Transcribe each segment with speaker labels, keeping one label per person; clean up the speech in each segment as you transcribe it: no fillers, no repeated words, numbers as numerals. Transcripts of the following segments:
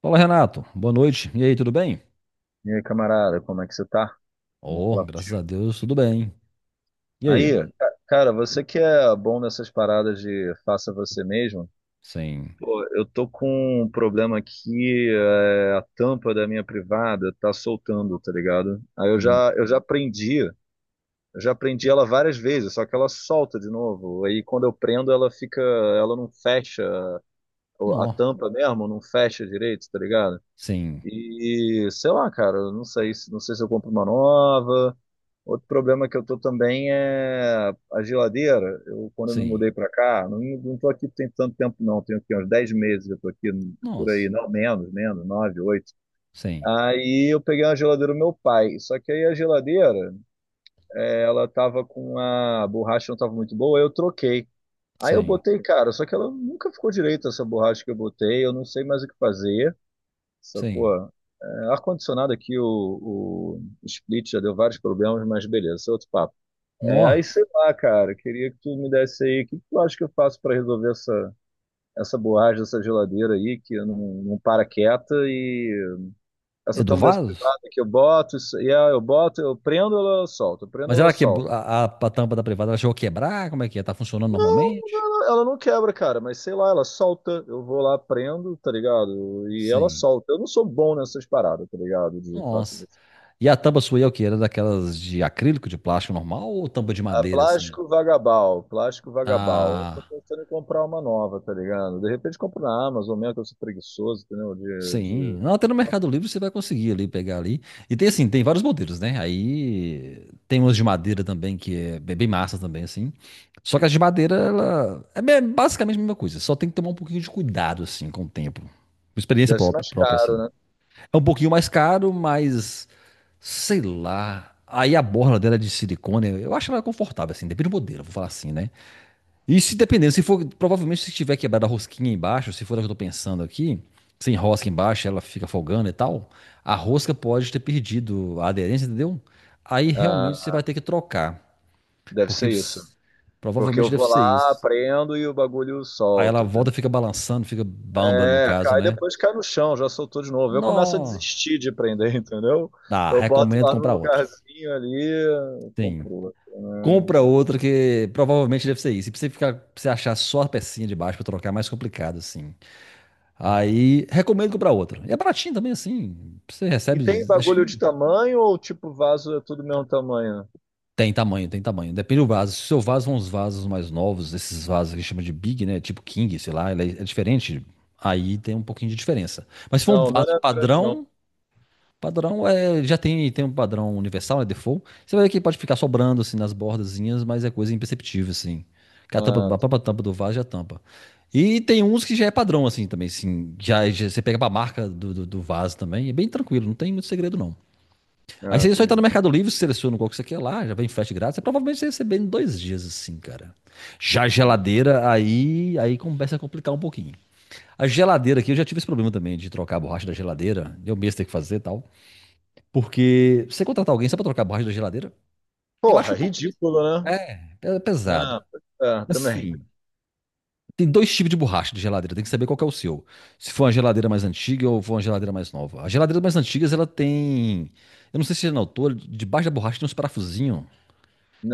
Speaker 1: Fala, Renato. Boa noite. E aí, tudo bem?
Speaker 2: E aí, camarada, como é que você tá? Vou
Speaker 1: Oh,
Speaker 2: falar
Speaker 1: graças
Speaker 2: contigo.
Speaker 1: a Deus, tudo bem. E
Speaker 2: Aí,
Speaker 1: aí?
Speaker 2: cara, você que é bom nessas paradas de faça você mesmo,
Speaker 1: Sim.
Speaker 2: eu tô com um problema aqui, a tampa da minha privada tá soltando, tá ligado?
Speaker 1: Hum.
Speaker 2: Eu já prendi ela várias vezes, só que ela solta de novo. Aí quando eu prendo, ela não fecha, a
Speaker 1: Nó.
Speaker 2: tampa mesmo não fecha direito, tá ligado?
Speaker 1: Sim.
Speaker 2: E sei lá, cara, eu não sei, se- não sei se eu compro uma nova. Outro problema que eu tô também é a geladeira. Eu, quando eu me
Speaker 1: Sim.
Speaker 2: mudei para cá, não tô aqui tem tanto tempo não, tenho aqui uns 10 meses eu tô aqui por aí,
Speaker 1: Nós.
Speaker 2: não, menos, menos, 9, 8.
Speaker 1: Sim.
Speaker 2: Aí eu peguei uma geladeira do meu pai, só que aí a geladeira, ela tava com a borracha não tava muito boa, aí eu troquei. Aí eu
Speaker 1: Sim.
Speaker 2: botei, cara, só que ela nunca ficou direita essa borracha que eu botei, eu não sei mais o que fazer. Sacou?
Speaker 1: Sim.
Speaker 2: Ar-condicionado aqui, o split já deu vários problemas, mas beleza, isso é outro papo. É,
Speaker 1: Nó.
Speaker 2: aí sei lá, cara, queria que tu me desse aí, o que que tu acha que eu faço para resolver essa, essa borracha dessa geladeira aí, que eu não para quieta, e
Speaker 1: É
Speaker 2: essa
Speaker 1: do
Speaker 2: tampa dessa
Speaker 1: vaso?
Speaker 2: privada que eu boto, eu boto, eu prendo, ela solta, eu prendo,
Speaker 1: Mas
Speaker 2: ela
Speaker 1: ela
Speaker 2: solta.
Speaker 1: quebrou a tampa da privada, ela chegou a quebrar? Como é que é? Tá funcionando
Speaker 2: Não,
Speaker 1: normalmente?
Speaker 2: ela não quebra, cara, mas sei lá, ela solta, eu vou lá, prendo, tá ligado? E ela
Speaker 1: Sim.
Speaker 2: solta. Eu não sou bom nessas paradas, tá ligado? De fazer.
Speaker 1: Nossa. E a tampa sua aí é o quê? Era daquelas de acrílico, de plástico normal ou tampa de
Speaker 2: Ah,
Speaker 1: madeira, assim?
Speaker 2: plástico vagabal, plástico vagabal. Eu tô
Speaker 1: Ah.
Speaker 2: pensando em comprar uma nova, tá ligado? De repente compro na Amazon mesmo, que eu sou preguiçoso, entendeu?
Speaker 1: Sim, não, até no Mercado Livre você vai conseguir ali pegar ali. E tem assim, tem vários modelos, né? Aí tem umas de madeira também que é bem bem massa também assim. Só que as de madeira ela é basicamente a mesma coisa, só tem que tomar um pouquinho de cuidado assim com o tempo. Uma experiência
Speaker 2: Deve ser
Speaker 1: própria,
Speaker 2: mais
Speaker 1: própria
Speaker 2: caro,
Speaker 1: assim.
Speaker 2: né?
Speaker 1: É um pouquinho mais caro, mas sei lá. Aí a borla dela é de silicone, eu acho ela confortável assim, depende do modelo, vou falar assim, né? E se dependendo, se for, provavelmente se tiver quebrado a rosquinha embaixo, se for a que eu tô pensando aqui, sem rosca embaixo, ela fica folgando e tal, a rosca pode ter perdido a aderência, entendeu? Aí realmente você vai
Speaker 2: Ah,
Speaker 1: ter que trocar,
Speaker 2: deve
Speaker 1: porque
Speaker 2: ser isso. Porque
Speaker 1: provavelmente
Speaker 2: eu
Speaker 1: deve
Speaker 2: vou
Speaker 1: ser
Speaker 2: lá,
Speaker 1: isso.
Speaker 2: prendo e o bagulho
Speaker 1: Aí ela
Speaker 2: solta, entendeu?
Speaker 1: volta, fica balançando, fica bamba no
Speaker 2: É,
Speaker 1: caso, né?
Speaker 2: cai no chão, já soltou de novo. Eu começo a
Speaker 1: Nó.
Speaker 2: desistir de prender, entendeu?
Speaker 1: Ah,
Speaker 2: Eu boto
Speaker 1: recomendo
Speaker 2: lá no
Speaker 1: comprar outra.
Speaker 2: lugarzinho ali,
Speaker 1: Sim.
Speaker 2: compro outro,
Speaker 1: Compra
Speaker 2: né?
Speaker 1: outra que provavelmente deve ser isso. E pra você ficar, pra você achar só a pecinha de baixo pra trocar é mais complicado, assim. Aí recomendo comprar outra. E é baratinho também, assim. Você
Speaker 2: E
Speaker 1: recebe,
Speaker 2: tem
Speaker 1: acho
Speaker 2: bagulho de
Speaker 1: que
Speaker 2: tamanho ou tipo vaso é tudo mesmo tamanho?
Speaker 1: tem tamanho, tem tamanho. Depende do vaso. Se o seu vaso são uns vasos mais novos, esses vasos que chama de Big, né? Tipo King, sei lá, ele é diferente. Aí tem um pouquinho de diferença. Mas se for um
Speaker 2: Não, o meu
Speaker 1: vaso
Speaker 2: não é grande, não.
Speaker 1: padrão, padrão é, já tem um padrão universal, né, default. Você vai ver que pode ficar sobrando assim nas bordazinhas, mas é coisa imperceptível assim. Que a tampa,
Speaker 2: Ah,
Speaker 1: a própria tampa do vaso já tampa. E tem uns que já é padrão assim também, assim, já você pega pra marca do vaso também, é bem tranquilo, não tem muito segredo não. Aí
Speaker 2: ah,
Speaker 1: você só entra no
Speaker 2: entendi.
Speaker 1: Mercado Livre, seleciona qual que você quer lá, já vem frete grátis, você provavelmente você vai receber em 2 dias assim, cara. Já a
Speaker 2: É.
Speaker 1: geladeira, aí começa a complicar um pouquinho. A geladeira aqui, eu já tive esse problema também de trocar a borracha da geladeira, eu mesmo tenho que fazer e tal. Porque você contratar alguém só pra trocar a borracha da geladeira, eu acho
Speaker 2: Porra,
Speaker 1: um pouco.
Speaker 2: ridículo, né?
Speaker 1: É pesado.
Speaker 2: Ah, é, também.
Speaker 1: Assim, tem dois tipos de borracha de geladeira, tem que saber qual que é o seu. Se for uma geladeira mais antiga ou for uma geladeira mais nova. As geladeiras mais antigas, ela tem. Eu não sei se é na altura, debaixo da borracha tem uns parafusinhos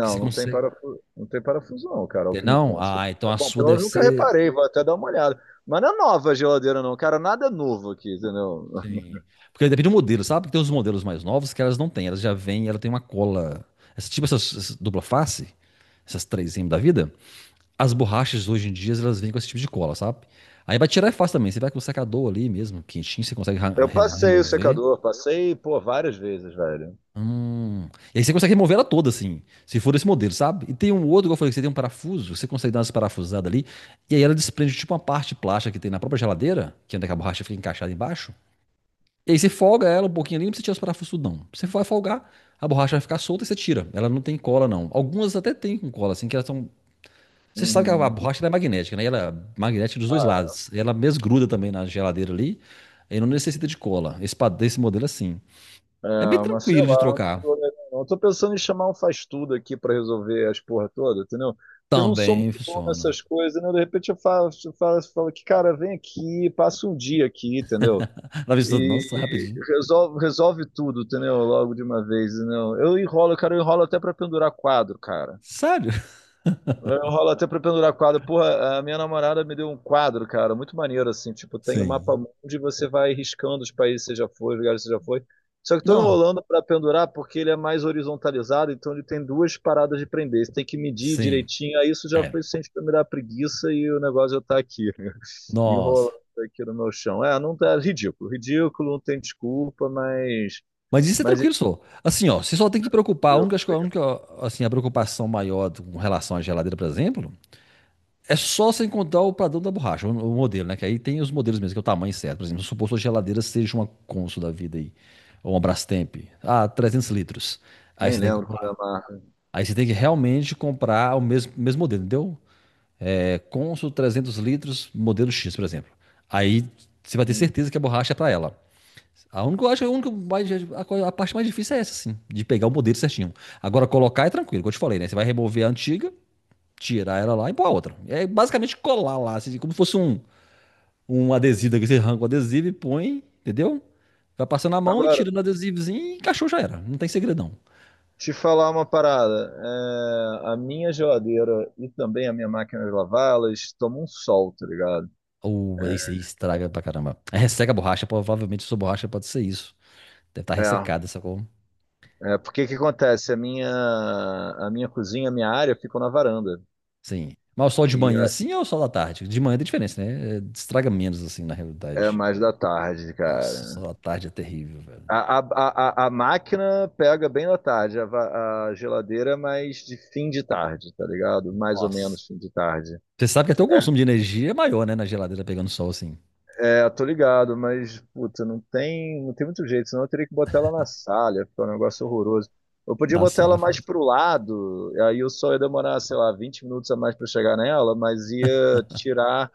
Speaker 1: que você
Speaker 2: não tem
Speaker 1: consegue.
Speaker 2: parafuso, não tem parafuso não, cara, é o
Speaker 1: Tem,
Speaker 2: que me
Speaker 1: não?
Speaker 2: consta.
Speaker 1: Ah, então a
Speaker 2: Bom,
Speaker 1: sua
Speaker 2: pelo menos
Speaker 1: deve
Speaker 2: nunca
Speaker 1: ser.
Speaker 2: reparei, vou até dar uma olhada. Mas não é nova a geladeira não, cara, nada é novo aqui, entendeu?
Speaker 1: Sim. Porque depende do modelo, sabe? Porque tem uns modelos mais novos que elas não têm, elas já vêm, ela tem uma cola. Essa, tipo essas, dupla face, essas 3M da vida. As borrachas hoje em dia, elas vêm com esse tipo de cola, sabe? Aí pra tirar é fácil também. Você vai com o secador ali mesmo, quentinho, você consegue
Speaker 2: Eu passei o
Speaker 1: remover.
Speaker 2: secador, passei, pô, várias vezes, velho.
Speaker 1: Hum. E aí você consegue remover ela toda, assim, se for desse modelo, sabe? E tem um outro, igual eu falei, que você tem um parafuso, você consegue dar umas parafusadas ali, e aí ela desprende tipo uma parte plástica que tem na própria geladeira, que é onde é que a borracha fica encaixada embaixo. E aí você folga ela um pouquinho ali, não precisa tirar os parafusos, não. Você vai folgar, a borracha vai ficar solta e você tira. Ela não tem cola, não. Algumas até tem com cola, assim, que elas são. Você sabe que a
Speaker 2: Uhum.
Speaker 1: borracha ela é magnética, né? E ela é magnética dos dois lados. E ela mesgruda também na geladeira ali. E não necessita de cola. Esse, desse modelo é assim.
Speaker 2: É,
Speaker 1: É bem
Speaker 2: mas sei
Speaker 1: tranquilo de
Speaker 2: lá,
Speaker 1: trocar.
Speaker 2: eu tô pensando em chamar um faz-tudo aqui pra resolver as porra toda, entendeu? Porque eu não sou
Speaker 1: Também
Speaker 2: muito bom
Speaker 1: funciona.
Speaker 2: nessas coisas, né? De repente eu falo que, cara, vem aqui, passa um dia aqui, entendeu?
Speaker 1: Ela vez
Speaker 2: E
Speaker 1: nossa, rapidinho.
Speaker 2: resolve, resolve tudo, entendeu? Logo de uma vez, entendeu? Eu enrolo, cara, eu enrolo até pra pendurar quadro, cara.
Speaker 1: Sério?
Speaker 2: Eu rolo até pra pendurar quadro. Porra, a minha namorada me deu um quadro, cara, muito maneiro, assim. Tipo, tem o mapa
Speaker 1: Sim.
Speaker 2: mundo e você vai riscando os países que você já foi, os lugares que você já foi. Só que tô
Speaker 1: Não.
Speaker 2: enrolando pra pendurar porque ele é mais horizontalizado, então ele tem duas paradas de prender. Você tem que medir
Speaker 1: Sim.
Speaker 2: direitinho. Aí isso já
Speaker 1: É.
Speaker 2: foi suficiente pra me dar preguiça e o negócio já tá aqui,
Speaker 1: Nossa.
Speaker 2: enrolando aqui no meu chão. Não tá, é ridículo. Ridículo, não tem desculpa, mas.
Speaker 1: Mas isso é
Speaker 2: Mas é
Speaker 1: tranquilo, só. Assim, ó, você só tem que preocupar. A única, acho que a
Speaker 2: legal.
Speaker 1: única, assim, a preocupação maior com relação à geladeira, por exemplo, é só sem contar o padrão da borracha, o modelo, né? Que aí tem os modelos mesmo, que é o tamanho certo. Por exemplo, suposto que a geladeira seja uma Consul da vida aí, ou uma Brastemp. Ah, 300 litros. Aí
Speaker 2: Nem
Speaker 1: você tem que
Speaker 2: lembro quando é
Speaker 1: comprar.
Speaker 2: a marca.
Speaker 1: Aí você tem que realmente comprar o mesmo, mesmo modelo, entendeu? É Consul 300 litros, modelo X, por exemplo. Aí você vai ter
Speaker 2: Hum.
Speaker 1: certeza que a borracha é pra ela. A única, eu acho, que a única mais, a parte mais difícil é essa, assim, de pegar o modelo certinho. Agora, colocar é tranquilo, como eu te falei, né? Você vai remover a antiga, tirar ela lá e pôr a outra. É basicamente colar lá, assim, como se fosse um adesivo daqui, você arranca o adesivo e põe, entendeu? Vai passando a mão e
Speaker 2: Agora,
Speaker 1: tirando o adesivozinho e encaixou, já era. Não tem segredão.
Speaker 2: te falar uma parada, é, a minha geladeira e também a minha máquina de lavar, elas tomam um sol, tá ligado?
Speaker 1: Ou isso aí estraga pra caramba. Aí resseca a borracha, provavelmente sua borracha pode ser isso. Deve estar
Speaker 2: É,
Speaker 1: ressecada, sacou?
Speaker 2: é porque que acontece? A minha cozinha, a minha área ficam na varanda.
Speaker 1: Sim. Mas o sol de
Speaker 2: E
Speaker 1: manhã
Speaker 2: é
Speaker 1: assim ou o sol da tarde? De manhã tem diferença, né? É, estraga menos assim, na
Speaker 2: é
Speaker 1: realidade.
Speaker 2: mais da tarde,
Speaker 1: Nossa, o sol
Speaker 2: cara.
Speaker 1: da tarde é terrível, velho.
Speaker 2: A máquina pega bem da tarde, a geladeira é mais de fim de tarde, tá ligado? Mais ou
Speaker 1: Nossa.
Speaker 2: menos fim de tarde.
Speaker 1: Você sabe que até o consumo de energia é maior, né? Na geladeira pegando sol assim.
Speaker 2: É, tô ligado, mas, puta, não tem muito jeito, senão eu teria que botar ela na sala, ia ficar um negócio horroroso. Eu podia
Speaker 1: Da
Speaker 2: botar
Speaker 1: sala
Speaker 2: ela
Speaker 1: é
Speaker 2: mais
Speaker 1: foda.
Speaker 2: pro lado, aí eu só ia demorar, sei lá, 20 minutos a mais pra chegar nela, mas ia tirar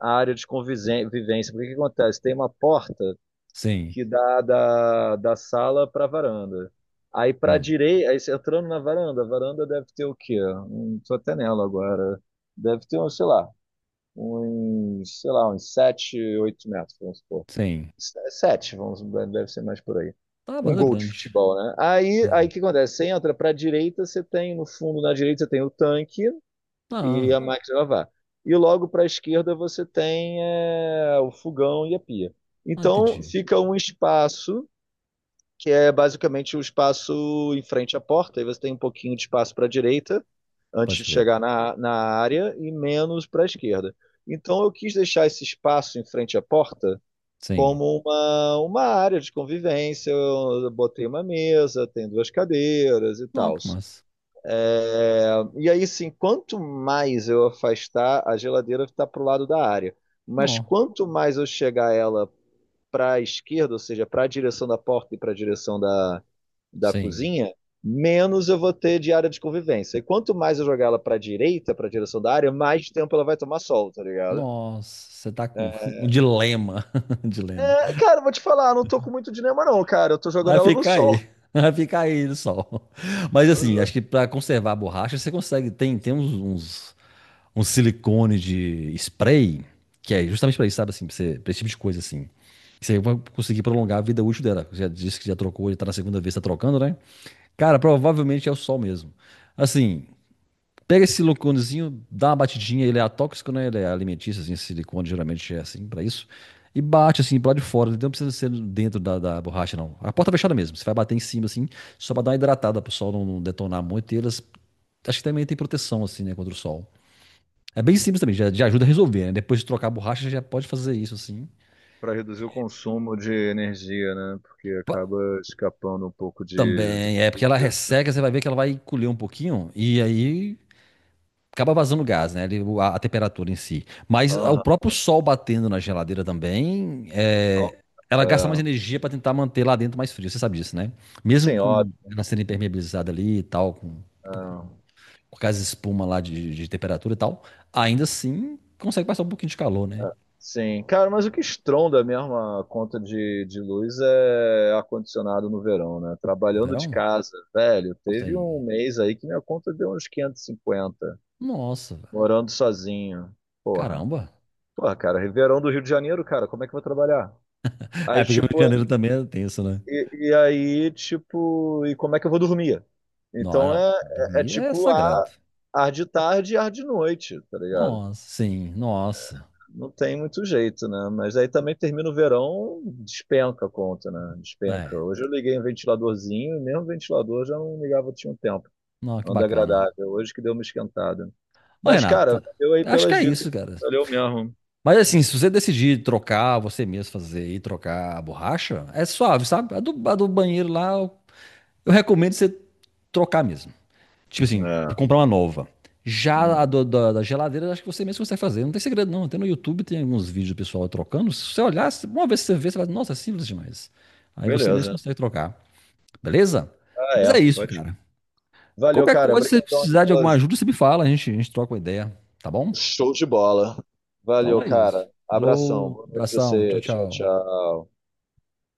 Speaker 2: a área de convivência. Porque o que acontece? Tem uma porta
Speaker 1: Sim.
Speaker 2: que dá da sala pra varanda. Aí pra
Speaker 1: Hum.
Speaker 2: direita, aí você entrando na varanda, a varanda deve ter o quê? Tô até nela agora. Deve ter, um, sei lá, uns 7, 8 metros, vamos supor.
Speaker 1: Sim.
Speaker 2: É sete, vamos, deve ser mais por aí.
Speaker 1: Tá,
Speaker 2: Um
Speaker 1: banda
Speaker 2: gol de
Speaker 1: grande.
Speaker 2: futebol, né? Aí o
Speaker 1: Sim.
Speaker 2: que acontece? Você entra para a direita, você tem no fundo, na direita, você tem o tanque e
Speaker 1: Ah.
Speaker 2: a máquina de lavar. E logo para a esquerda você tem é, o fogão e a pia.
Speaker 1: Ah,
Speaker 2: Então
Speaker 1: entendi.
Speaker 2: fica um espaço, que é basicamente o espaço em frente à porta, aí você tem um pouquinho de espaço para a direita, antes
Speaker 1: Pode
Speaker 2: de
Speaker 1: crer.
Speaker 2: chegar na área, e menos para a esquerda. Então eu quis deixar esse espaço em frente à porta
Speaker 1: Sim.
Speaker 2: como uma área de convivência. Eu botei uma mesa, tem duas cadeiras e
Speaker 1: Não,
Speaker 2: tal.
Speaker 1: que massa.
Speaker 2: É, e aí, sim, quanto mais eu afastar, a geladeira está para o lado da área. Mas
Speaker 1: Não.
Speaker 2: quanto mais eu chegar ela para a esquerda, ou seja, para a direção da porta e para a direção da
Speaker 1: Sim.
Speaker 2: cozinha, menos eu vou ter de área de convivência. E quanto mais eu jogar ela para a direita, para a direção da área, mais tempo ela vai tomar sol, tá ligado?
Speaker 1: Nossa, você tá com
Speaker 2: É,
Speaker 1: um dilema. Um dilema.
Speaker 2: É, cara, vou te falar, não tô com muito dinema não, cara. Eu tô jogando
Speaker 1: Vai
Speaker 2: ela no
Speaker 1: ficar
Speaker 2: sol.
Speaker 1: aí. Vai ficar aí no sol. Mas
Speaker 2: Tô
Speaker 1: assim,
Speaker 2: jo-
Speaker 1: acho que pra conservar a borracha, você consegue. Tem uns, silicone de spray, que é justamente pra isso, sabe assim, pra, você, pra esse tipo de coisa assim. Você vai conseguir prolongar a vida útil dela. Você já disse que já trocou, já tá na segunda vez, tá trocando, né? Cara, provavelmente é o sol mesmo. Assim, pega esse siliconezinho, dá uma batidinha, ele é atóxico, né? Ele é alimentício, assim, esse silicone geralmente é assim pra isso. E bate assim pro lado de fora, ele não precisa ser dentro da borracha, não. A porta fechada mesmo, você vai bater em cima assim, só pra dar uma hidratada pro sol não detonar muito. E elas, acho que também tem proteção assim, né, contra o sol. É bem simples também, já ajuda a resolver, né? Depois de trocar a borracha, já pode fazer isso assim.
Speaker 2: Pra reduzir o consumo de energia, né? Porque acaba
Speaker 1: Pa-
Speaker 2: escapando um pouco de do
Speaker 1: Também, é porque ela
Speaker 2: frio.
Speaker 1: resseca, você vai ver que ela vai encolher um pouquinho, e aí acaba vazando gás, né? A temperatura em si. Mas o
Speaker 2: Aham.
Speaker 1: próprio sol batendo na geladeira também,
Speaker 2: Ó,
Speaker 1: ela gasta mais
Speaker 2: é.
Speaker 1: energia para tentar manter lá dentro mais frio. Você sabe disso, né? Mesmo
Speaker 2: Sim, ó,
Speaker 1: com ela sendo impermeabilizada ali e tal, com,
Speaker 2: é.
Speaker 1: com, aquelas espuma lá de temperatura e tal, ainda assim consegue passar um pouquinho de calor, né?
Speaker 2: Sim, cara, mas o que estronda mesmo a conta de luz é ar-condicionado no verão, né?
Speaker 1: No
Speaker 2: Trabalhando de
Speaker 1: verão?
Speaker 2: casa, velho, teve
Speaker 1: Sim.
Speaker 2: um mês aí que minha conta deu uns 550
Speaker 1: Nossa, velho.
Speaker 2: morando sozinho. Porra.
Speaker 1: Caramba.
Speaker 2: Porra, cara, verão do Rio de Janeiro, cara, como é que eu vou trabalhar? Aí,
Speaker 1: É, porque o Rio de
Speaker 2: tipo,
Speaker 1: Janeiro também é tenso, né?
Speaker 2: e aí, tipo, e como é que eu vou dormir?
Speaker 1: Não,
Speaker 2: Então
Speaker 1: não.
Speaker 2: é, é
Speaker 1: Dormir é
Speaker 2: tipo ar,
Speaker 1: sagrado.
Speaker 2: ar de tarde e ar de noite, tá ligado?
Speaker 1: Nossa, sim, nossa.
Speaker 2: Não tem muito jeito, né? Mas aí também termina o verão, despenca a conta, né? Despenca.
Speaker 1: É.
Speaker 2: Hoje eu liguei um ventiladorzinho, e mesmo o ventilador já não ligava, tinha um tempo.
Speaker 1: Não, que
Speaker 2: Anda
Speaker 1: bacana.
Speaker 2: agradável. Hoje que deu uma esquentada.
Speaker 1: Ô,
Speaker 2: Mas, cara,
Speaker 1: Renato,
Speaker 2: valeu aí
Speaker 1: acho que
Speaker 2: pelas
Speaker 1: é
Speaker 2: dicas.
Speaker 1: isso, cara.
Speaker 2: Valeu mesmo.
Speaker 1: Mas assim, se você decidir trocar, você mesmo fazer e trocar a borracha, é suave, sabe? A do banheiro lá, eu recomendo você trocar mesmo. Tipo assim,
Speaker 2: É.
Speaker 1: comprar uma nova. Já a
Speaker 2: Hum.
Speaker 1: do- da, da geladeira, acho que você mesmo consegue fazer. Não tem segredo, não. Até no YouTube tem alguns vídeos do pessoal trocando. Se você olhar, uma vez que você vê, você vai, nossa, é simples demais. Aí você mesmo
Speaker 2: Beleza.
Speaker 1: consegue trocar, beleza?
Speaker 2: Ah,
Speaker 1: Mas
Speaker 2: é.
Speaker 1: é isso,
Speaker 2: Pode.
Speaker 1: cara.
Speaker 2: Valeu,
Speaker 1: Qualquer
Speaker 2: cara.
Speaker 1: coisa, se você
Speaker 2: Obrigadão aí
Speaker 1: precisar de
Speaker 2: pela
Speaker 1: alguma
Speaker 2: ajuda.
Speaker 1: ajuda, você me fala, a gente troca uma ideia, tá bom?
Speaker 2: Show de bola.
Speaker 1: Então
Speaker 2: Valeu,
Speaker 1: é isso.
Speaker 2: cara. Abração.
Speaker 1: Falou,
Speaker 2: Boa noite pra
Speaker 1: abração, tchau,
Speaker 2: você. Tchau,
Speaker 1: tchau.
Speaker 2: tchau.